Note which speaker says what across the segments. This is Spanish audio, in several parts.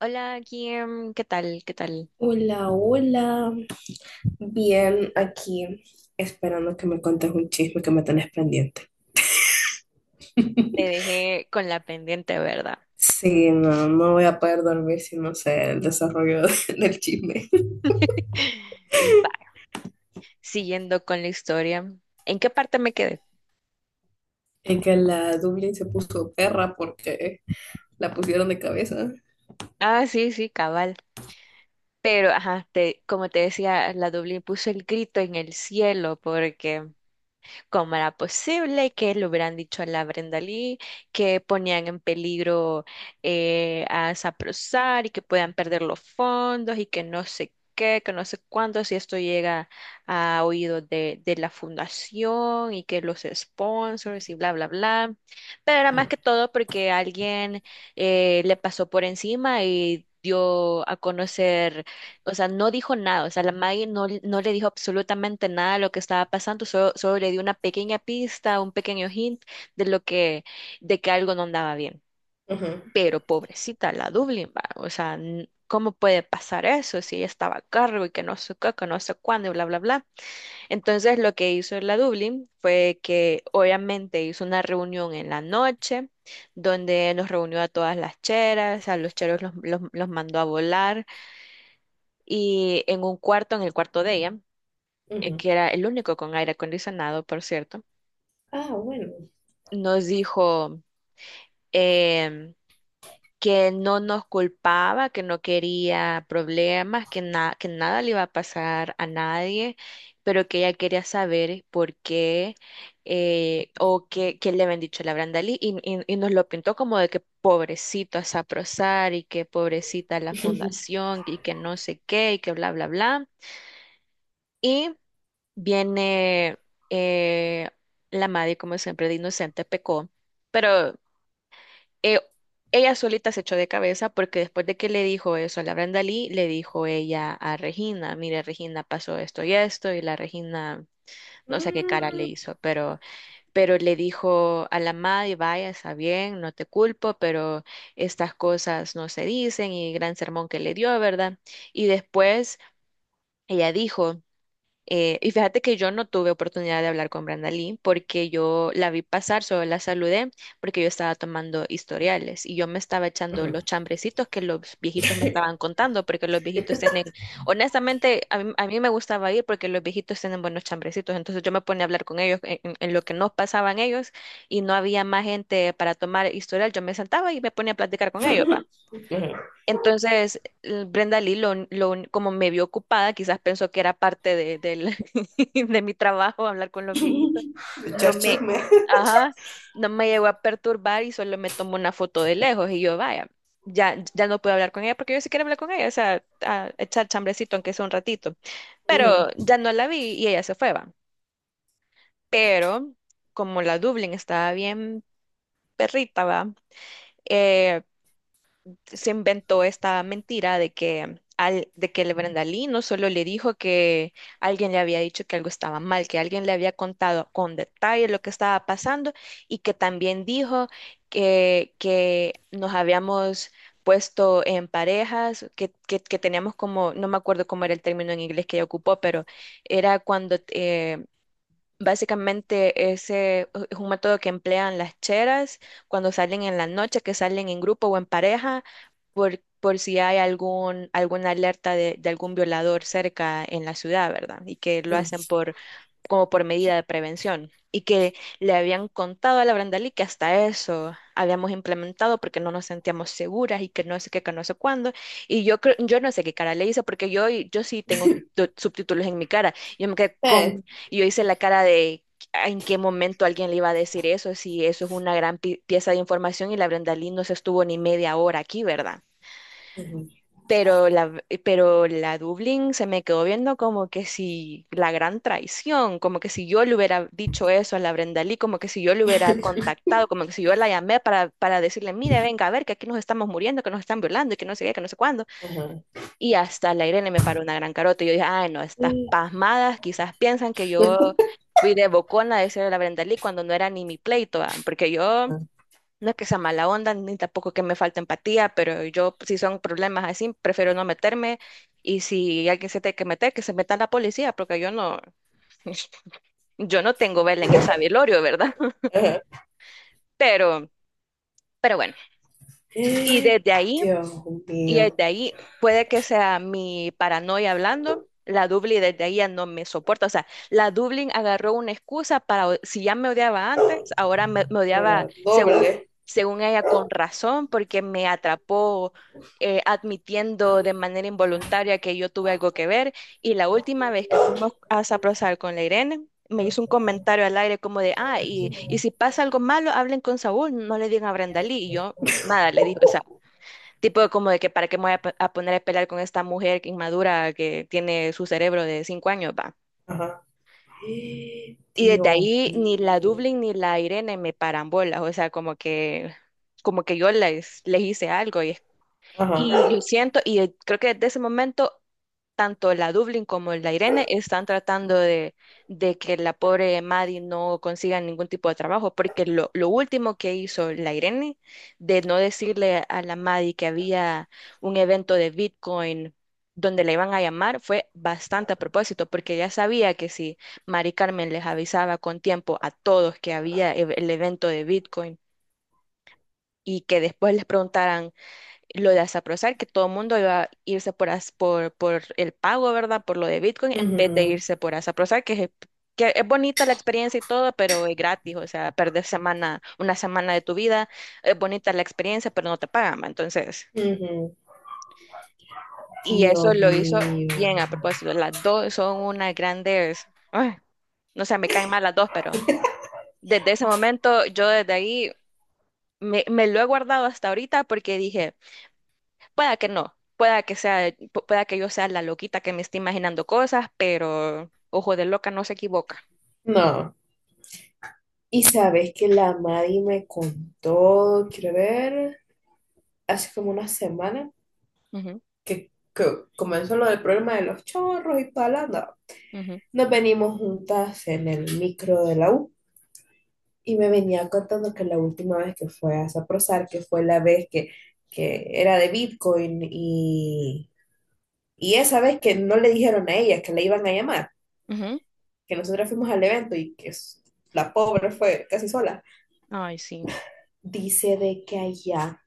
Speaker 1: Hola, Kim, ¿qué tal? ¿Qué tal?
Speaker 2: Hola, hola. Bien, aquí esperando que me contes un chisme que me tenés pendiente.
Speaker 1: Te dejé con la pendiente, ¿verdad?
Speaker 2: Sí, no voy a poder dormir si no sé el desarrollo del chisme.
Speaker 1: Va, siguiendo con la historia. ¿En qué parte me quedé?
Speaker 2: En que la Dublín se puso perra porque la pusieron de cabeza.
Speaker 1: Ah, sí, sí, cabal. Pero, ajá, como te decía, la Dublín puso el grito en el cielo porque cómo era posible que le hubieran dicho a la Brenda Lee que ponían en peligro a Saprosar y que puedan perder los fondos y que no sé qué, que no sé cuánto si esto llega a oídos de la fundación y que los sponsors y bla, bla, bla. Pero era más
Speaker 2: Ajá,
Speaker 1: que todo porque alguien le pasó por encima y dio a conocer, o sea, no dijo nada, o sea, la Maggie no, no le dijo absolutamente nada de lo que estaba pasando, solo le dio una pequeña pista, un pequeño hint de lo de que algo no andaba bien.
Speaker 2: ajá,
Speaker 1: Pero pobrecita la Dublin, va, o sea, ¿cómo puede pasar eso si ella estaba a cargo y que no sé qué, que no sé cuándo y bla, bla, bla? Entonces lo que hizo la Dublin fue que obviamente hizo una reunión en la noche donde nos reunió a todas las cheras, a los cheros los mandó a volar, y en un cuarto, en el cuarto de ella,
Speaker 2: ajá.
Speaker 1: que era el único con aire acondicionado, por cierto,
Speaker 2: Ah, bueno.
Speaker 1: nos dijo, em, que no nos culpaba, que no quería problemas, que nada le iba a pasar a nadie, pero que ella quería saber por qué, qué le habían dicho a la Brandalí, y nos lo pintó como de que pobrecito a Saprosar y que pobrecita la fundación y que no sé qué y que bla, bla, bla. Y viene, eh, la Maddie, como siempre, de inocente pecó, pero eh, ella solita se echó de cabeza porque después de que le dijo eso a la Brandalí, le dijo ella a Regina, mire, Regina, pasó esto y esto, y la Regina no sé qué cara le
Speaker 2: Mm,
Speaker 1: hizo, pero le dijo a la Maddie, vaya, está bien, no te culpo, pero estas cosas no se dicen, y gran sermón que le dio, ¿verdad? Y después ella dijo... y fíjate que yo no tuve oportunidad de hablar con Brenda Lee porque yo la vi pasar, solo la saludé porque yo estaba tomando historiales y yo me estaba echando los
Speaker 2: ajá.
Speaker 1: chambrecitos que los viejitos me estaban contando porque los viejitos tienen, honestamente, a mí me gustaba ir porque los viejitos tienen buenos chambrecitos, entonces yo me ponía a hablar con ellos en lo que nos pasaban ellos, y no había más gente para tomar historial, yo me sentaba y me ponía a platicar con ellos, va.
Speaker 2: Ajá.
Speaker 1: Entonces, Brenda Lee, como me vio ocupada, quizás pensó que era parte de mi trabajo hablar con los viejitos. No
Speaker 2: Echar
Speaker 1: me,
Speaker 2: chisme.
Speaker 1: ajá, no me llegó a perturbar y solo me tomó una foto de lejos. Y yo, vaya, ya no puedo hablar con ella, porque yo sí quiero hablar con ella, o sea, a echar chambrecito, aunque sea un ratito.
Speaker 2: Ajá,
Speaker 1: Pero ya no la vi y ella se fue, va. Pero como la Dublín estaba bien perrita, va, eh, se inventó esta mentira de de que el Brenda Lee no solo le dijo que alguien le había dicho que algo estaba mal, que alguien le había contado con detalle lo que estaba pasando, y que también dijo que nos habíamos puesto en parejas, que teníamos como, no me acuerdo cómo era el término en inglés que ella ocupó, pero era cuando... Básicamente ese es un método que emplean las cheras cuando salen en la noche, que salen en grupo o en pareja, por si hay algún, alguna alerta de algún violador cerca en la ciudad, ¿verdad? Y que lo hacen
Speaker 2: ajá.
Speaker 1: por, como por medida de prevención, y que le habían contado a la Brandalí que hasta eso habíamos implementado porque no nos sentíamos seguras y que no sé qué, que no sé cuándo. Y yo creo, yo no sé qué cara le hice, porque yo sí tengo subtítulos en mi cara. Yo me quedé
Speaker 2: Eh,
Speaker 1: con, yo hice la cara de en qué momento alguien le iba a decir eso, si eso es una gran pieza de información y la Brandalí no se estuvo ni media hora aquí, ¿verdad?
Speaker 2: ajá,
Speaker 1: Pero la Dublín se me quedó viendo como que si la gran traición, como que si yo le hubiera dicho eso a la Brenda Lee, como que si yo le hubiera contactado, como que si yo la llamé para decirle, mire, venga a ver que aquí nos estamos muriendo, que nos están violando y que no sé qué, que no sé cuándo.
Speaker 2: ajá.
Speaker 1: Y hasta la Irene me paró una gran carota y yo dije, ay, no, estas
Speaker 2: Ajá.
Speaker 1: pasmadas quizás piensan que yo fui de bocona a decirle a la Brenda Lee cuando no era ni mi pleito, ah. Porque yo... No es que sea mala onda, ni tampoco que me falte empatía, pero yo, si son problemas así, prefiero no meterme. Y si alguien se tiene que meter, que se meta la policía, porque yo no, yo no tengo vela en esa velorio, ¿verdad? Pero, pero bueno. Y desde ahí
Speaker 2: Dios
Speaker 1: Y
Speaker 2: mío.
Speaker 1: desde ahí, puede que sea mi paranoia hablando, la Dublin desde ahí ya no me soporta. O sea, la Dublin agarró una excusa para, si ya me odiaba antes, ahora me odiaba,
Speaker 2: Ahora,
Speaker 1: según,
Speaker 2: doble.
Speaker 1: ella con razón, porque me atrapó admitiendo de manera involuntaria que yo tuve algo que ver. Y la última vez que fuimos a Saprosal con la Irene, me hizo un comentario al aire como de, ah, y si pasa algo malo, hablen con Saúl, no le digan a Brenda Lee. Y yo, nada, le dije, o sea. Tipo como de que para qué me voy a, a poner a pelear con esta mujer que inmadura, que tiene su cerebro de 5 años, va.
Speaker 2: Ajá.
Speaker 1: Y desde
Speaker 2: Dios
Speaker 1: ahí ni la
Speaker 2: mío.
Speaker 1: Dublin ni la Irene me paran bolas, o sea, como que yo les, les hice algo.
Speaker 2: Ajá.
Speaker 1: Y yo siento, creo que desde ese momento tanto la Dublin como la Irene están tratando de que la pobre Maddie no consiga ningún tipo de trabajo, porque lo último que hizo la Irene, de no decirle a la Maddie que había un evento de Bitcoin donde la iban a llamar, fue bastante a propósito, porque ya sabía que si Mari Carmen les avisaba con tiempo a todos que había el evento de Bitcoin y que después les preguntaran lo de Zaprozar, que todo el mundo iba a irse por, por el pago, ¿verdad? Por lo de Bitcoin, en vez de
Speaker 2: Ujú,
Speaker 1: irse por Zaprozar, que es bonita la experiencia y todo, pero es gratis, o sea, perder semana, una semana de tu vida, es bonita la experiencia, pero no te pagan, ¿va? Entonces,
Speaker 2: ujú.
Speaker 1: y eso
Speaker 2: Dios
Speaker 1: lo hizo
Speaker 2: mío.
Speaker 1: bien a propósito. Las dos son unas grandes, ay, no sé, me caen mal las dos, pero desde ese momento, yo desde ahí, me lo he guardado hasta ahorita, porque dije, pueda que no, pueda que sea, pueda que yo sea la loquita que me esté imaginando cosas, pero ojo de loca no se equivoca.
Speaker 2: No. Y sabes que la Mari me contó, quiero ver, hace como una semana
Speaker 1: Ujú,
Speaker 2: que comenzó lo del problema de los chorros y toda la onda.
Speaker 1: ujú,
Speaker 2: Nos venimos juntas en el micro de la U. Y me venía contando que la última vez que fue a Saprosar, que fue la vez que era de Bitcoin y esa vez que no le dijeron a ella que la iban a llamar,
Speaker 1: ujú.
Speaker 2: que nosotros fuimos al evento y que s- la pobre fue casi sola,
Speaker 1: Ay, sí.
Speaker 2: dice de que allá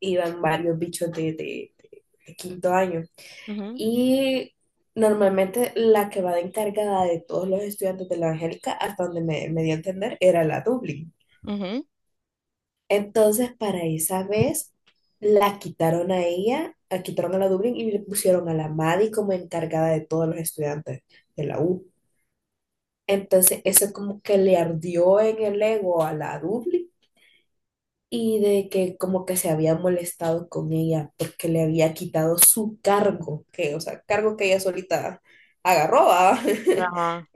Speaker 2: iban varios bichos de quinto año
Speaker 1: Ujú,
Speaker 2: y normalmente la que va de encargada de todos los estudiantes de la Angélica, hasta donde me dio a entender, era la Dublin.
Speaker 1: ujú.
Speaker 2: Entonces, para esa vez, la quitaron a ella, la quitaron a la Dublín y le pusieron a la Maddie como encargada de todos los estudiantes de la U. Entonces, eso como que le ardió en el ego a la Dublín y de que como que se había molestado con ella porque le había quitado su cargo, que, o sea, cargo que ella solita agarró, ¿va?
Speaker 1: Ajá.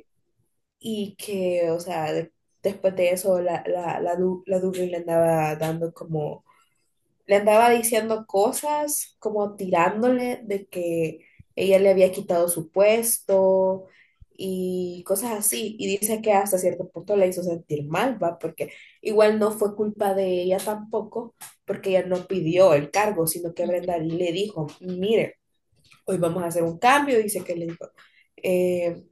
Speaker 2: Y que, o sea, de- después de eso, la Dublín le andaba dando como le andaba diciendo cosas, como tirándole de que ella le había quitado su puesto y cosas así. Y dice que hasta cierto punto le hizo sentir mal, ¿va? Porque igual no fue culpa de ella tampoco, porque ella no pidió el cargo, sino que
Speaker 1: Ujú.
Speaker 2: Brenda le dijo, mire, hoy vamos a hacer un cambio, dice que le dijo. eh,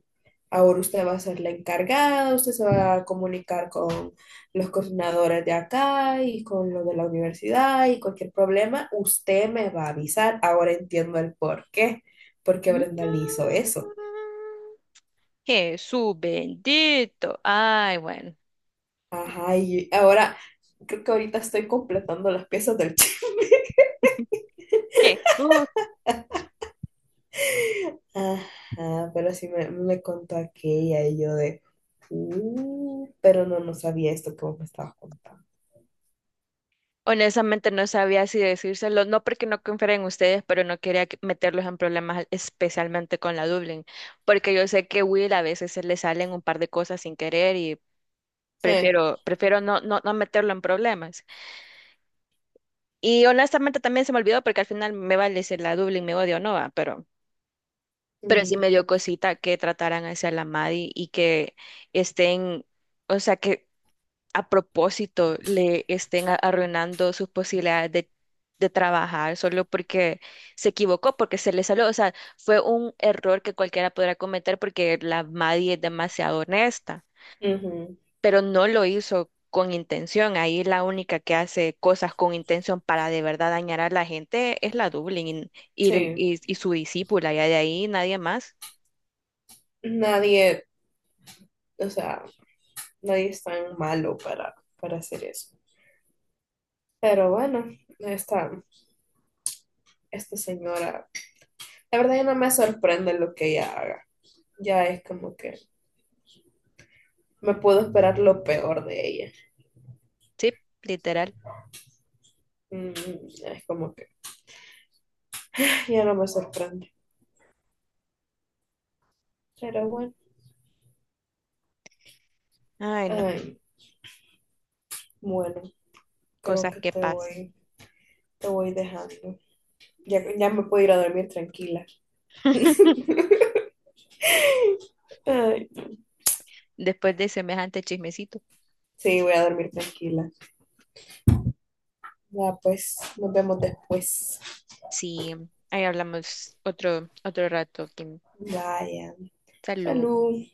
Speaker 2: Ahora usted va a ser la encargada, usted se va a comunicar con los coordinadores de acá y con los de la universidad y cualquier problema, usted me va a avisar. Ahora entiendo el por qué, porque Brenda le hizo eso.
Speaker 1: Jesús bendito. Ay, bueno.
Speaker 2: Ajá, y ahora creo que ahorita estoy completando las piezas del chisme.
Speaker 1: Jesús.
Speaker 2: Ajá, pero sí me contó aquella y yo de, pero no, no sabía esto que vos me estabas contando.
Speaker 1: Honestamente no sabía si decírselo, no porque no confiara en ustedes, pero no quería meterlos en problemas, especialmente con la Dublin, porque yo sé que Will a veces se le salen un par de cosas sin querer.
Speaker 2: Eh,
Speaker 1: Prefiero no meterlo en problemas. Y honestamente también se me olvidó porque al final me vale si la Dublin me odia o no, va, pero sí
Speaker 2: mm,
Speaker 1: me dio cosita que trataran hacia la Maddie y que estén, o sea, que a propósito le estén arruinando sus posibilidades de trabajar, solo porque se equivocó, porque se le salió, o sea, fue un error que cualquiera podrá cometer, porque la Maddie es demasiado honesta.
Speaker 2: ujú,
Speaker 1: Pero no lo hizo con intención. Ahí la única que hace cosas con intención para de verdad dañar a la gente es la Dublín,
Speaker 2: sí,
Speaker 1: y su discípula, y de ahí nadie más.
Speaker 2: nadie o sea, nadie es tan malo para hacer eso. Pero bueno, esta, esta señora, la verdad ya no me sorprende lo que ella haga. Ya es como que me puedo esperar lo peor de ella.
Speaker 1: Sí, literal.
Speaker 2: Mm, es como que ya no me sorprende. Pero bueno,
Speaker 1: Ay, no,
Speaker 2: ay, bueno, creo
Speaker 1: cosas
Speaker 2: que
Speaker 1: que pasan.
Speaker 2: te voy dejando. Ya, ya me puedo ir a dormir tranquila. Ay,
Speaker 1: Después de semejante chismecito.
Speaker 2: sí, voy a dormir tranquila. Ya, pues, nos vemos después.
Speaker 1: Sí, ahí hablamos otro rato, Kim.
Speaker 2: Vaya.
Speaker 1: Salud.
Speaker 2: Salud.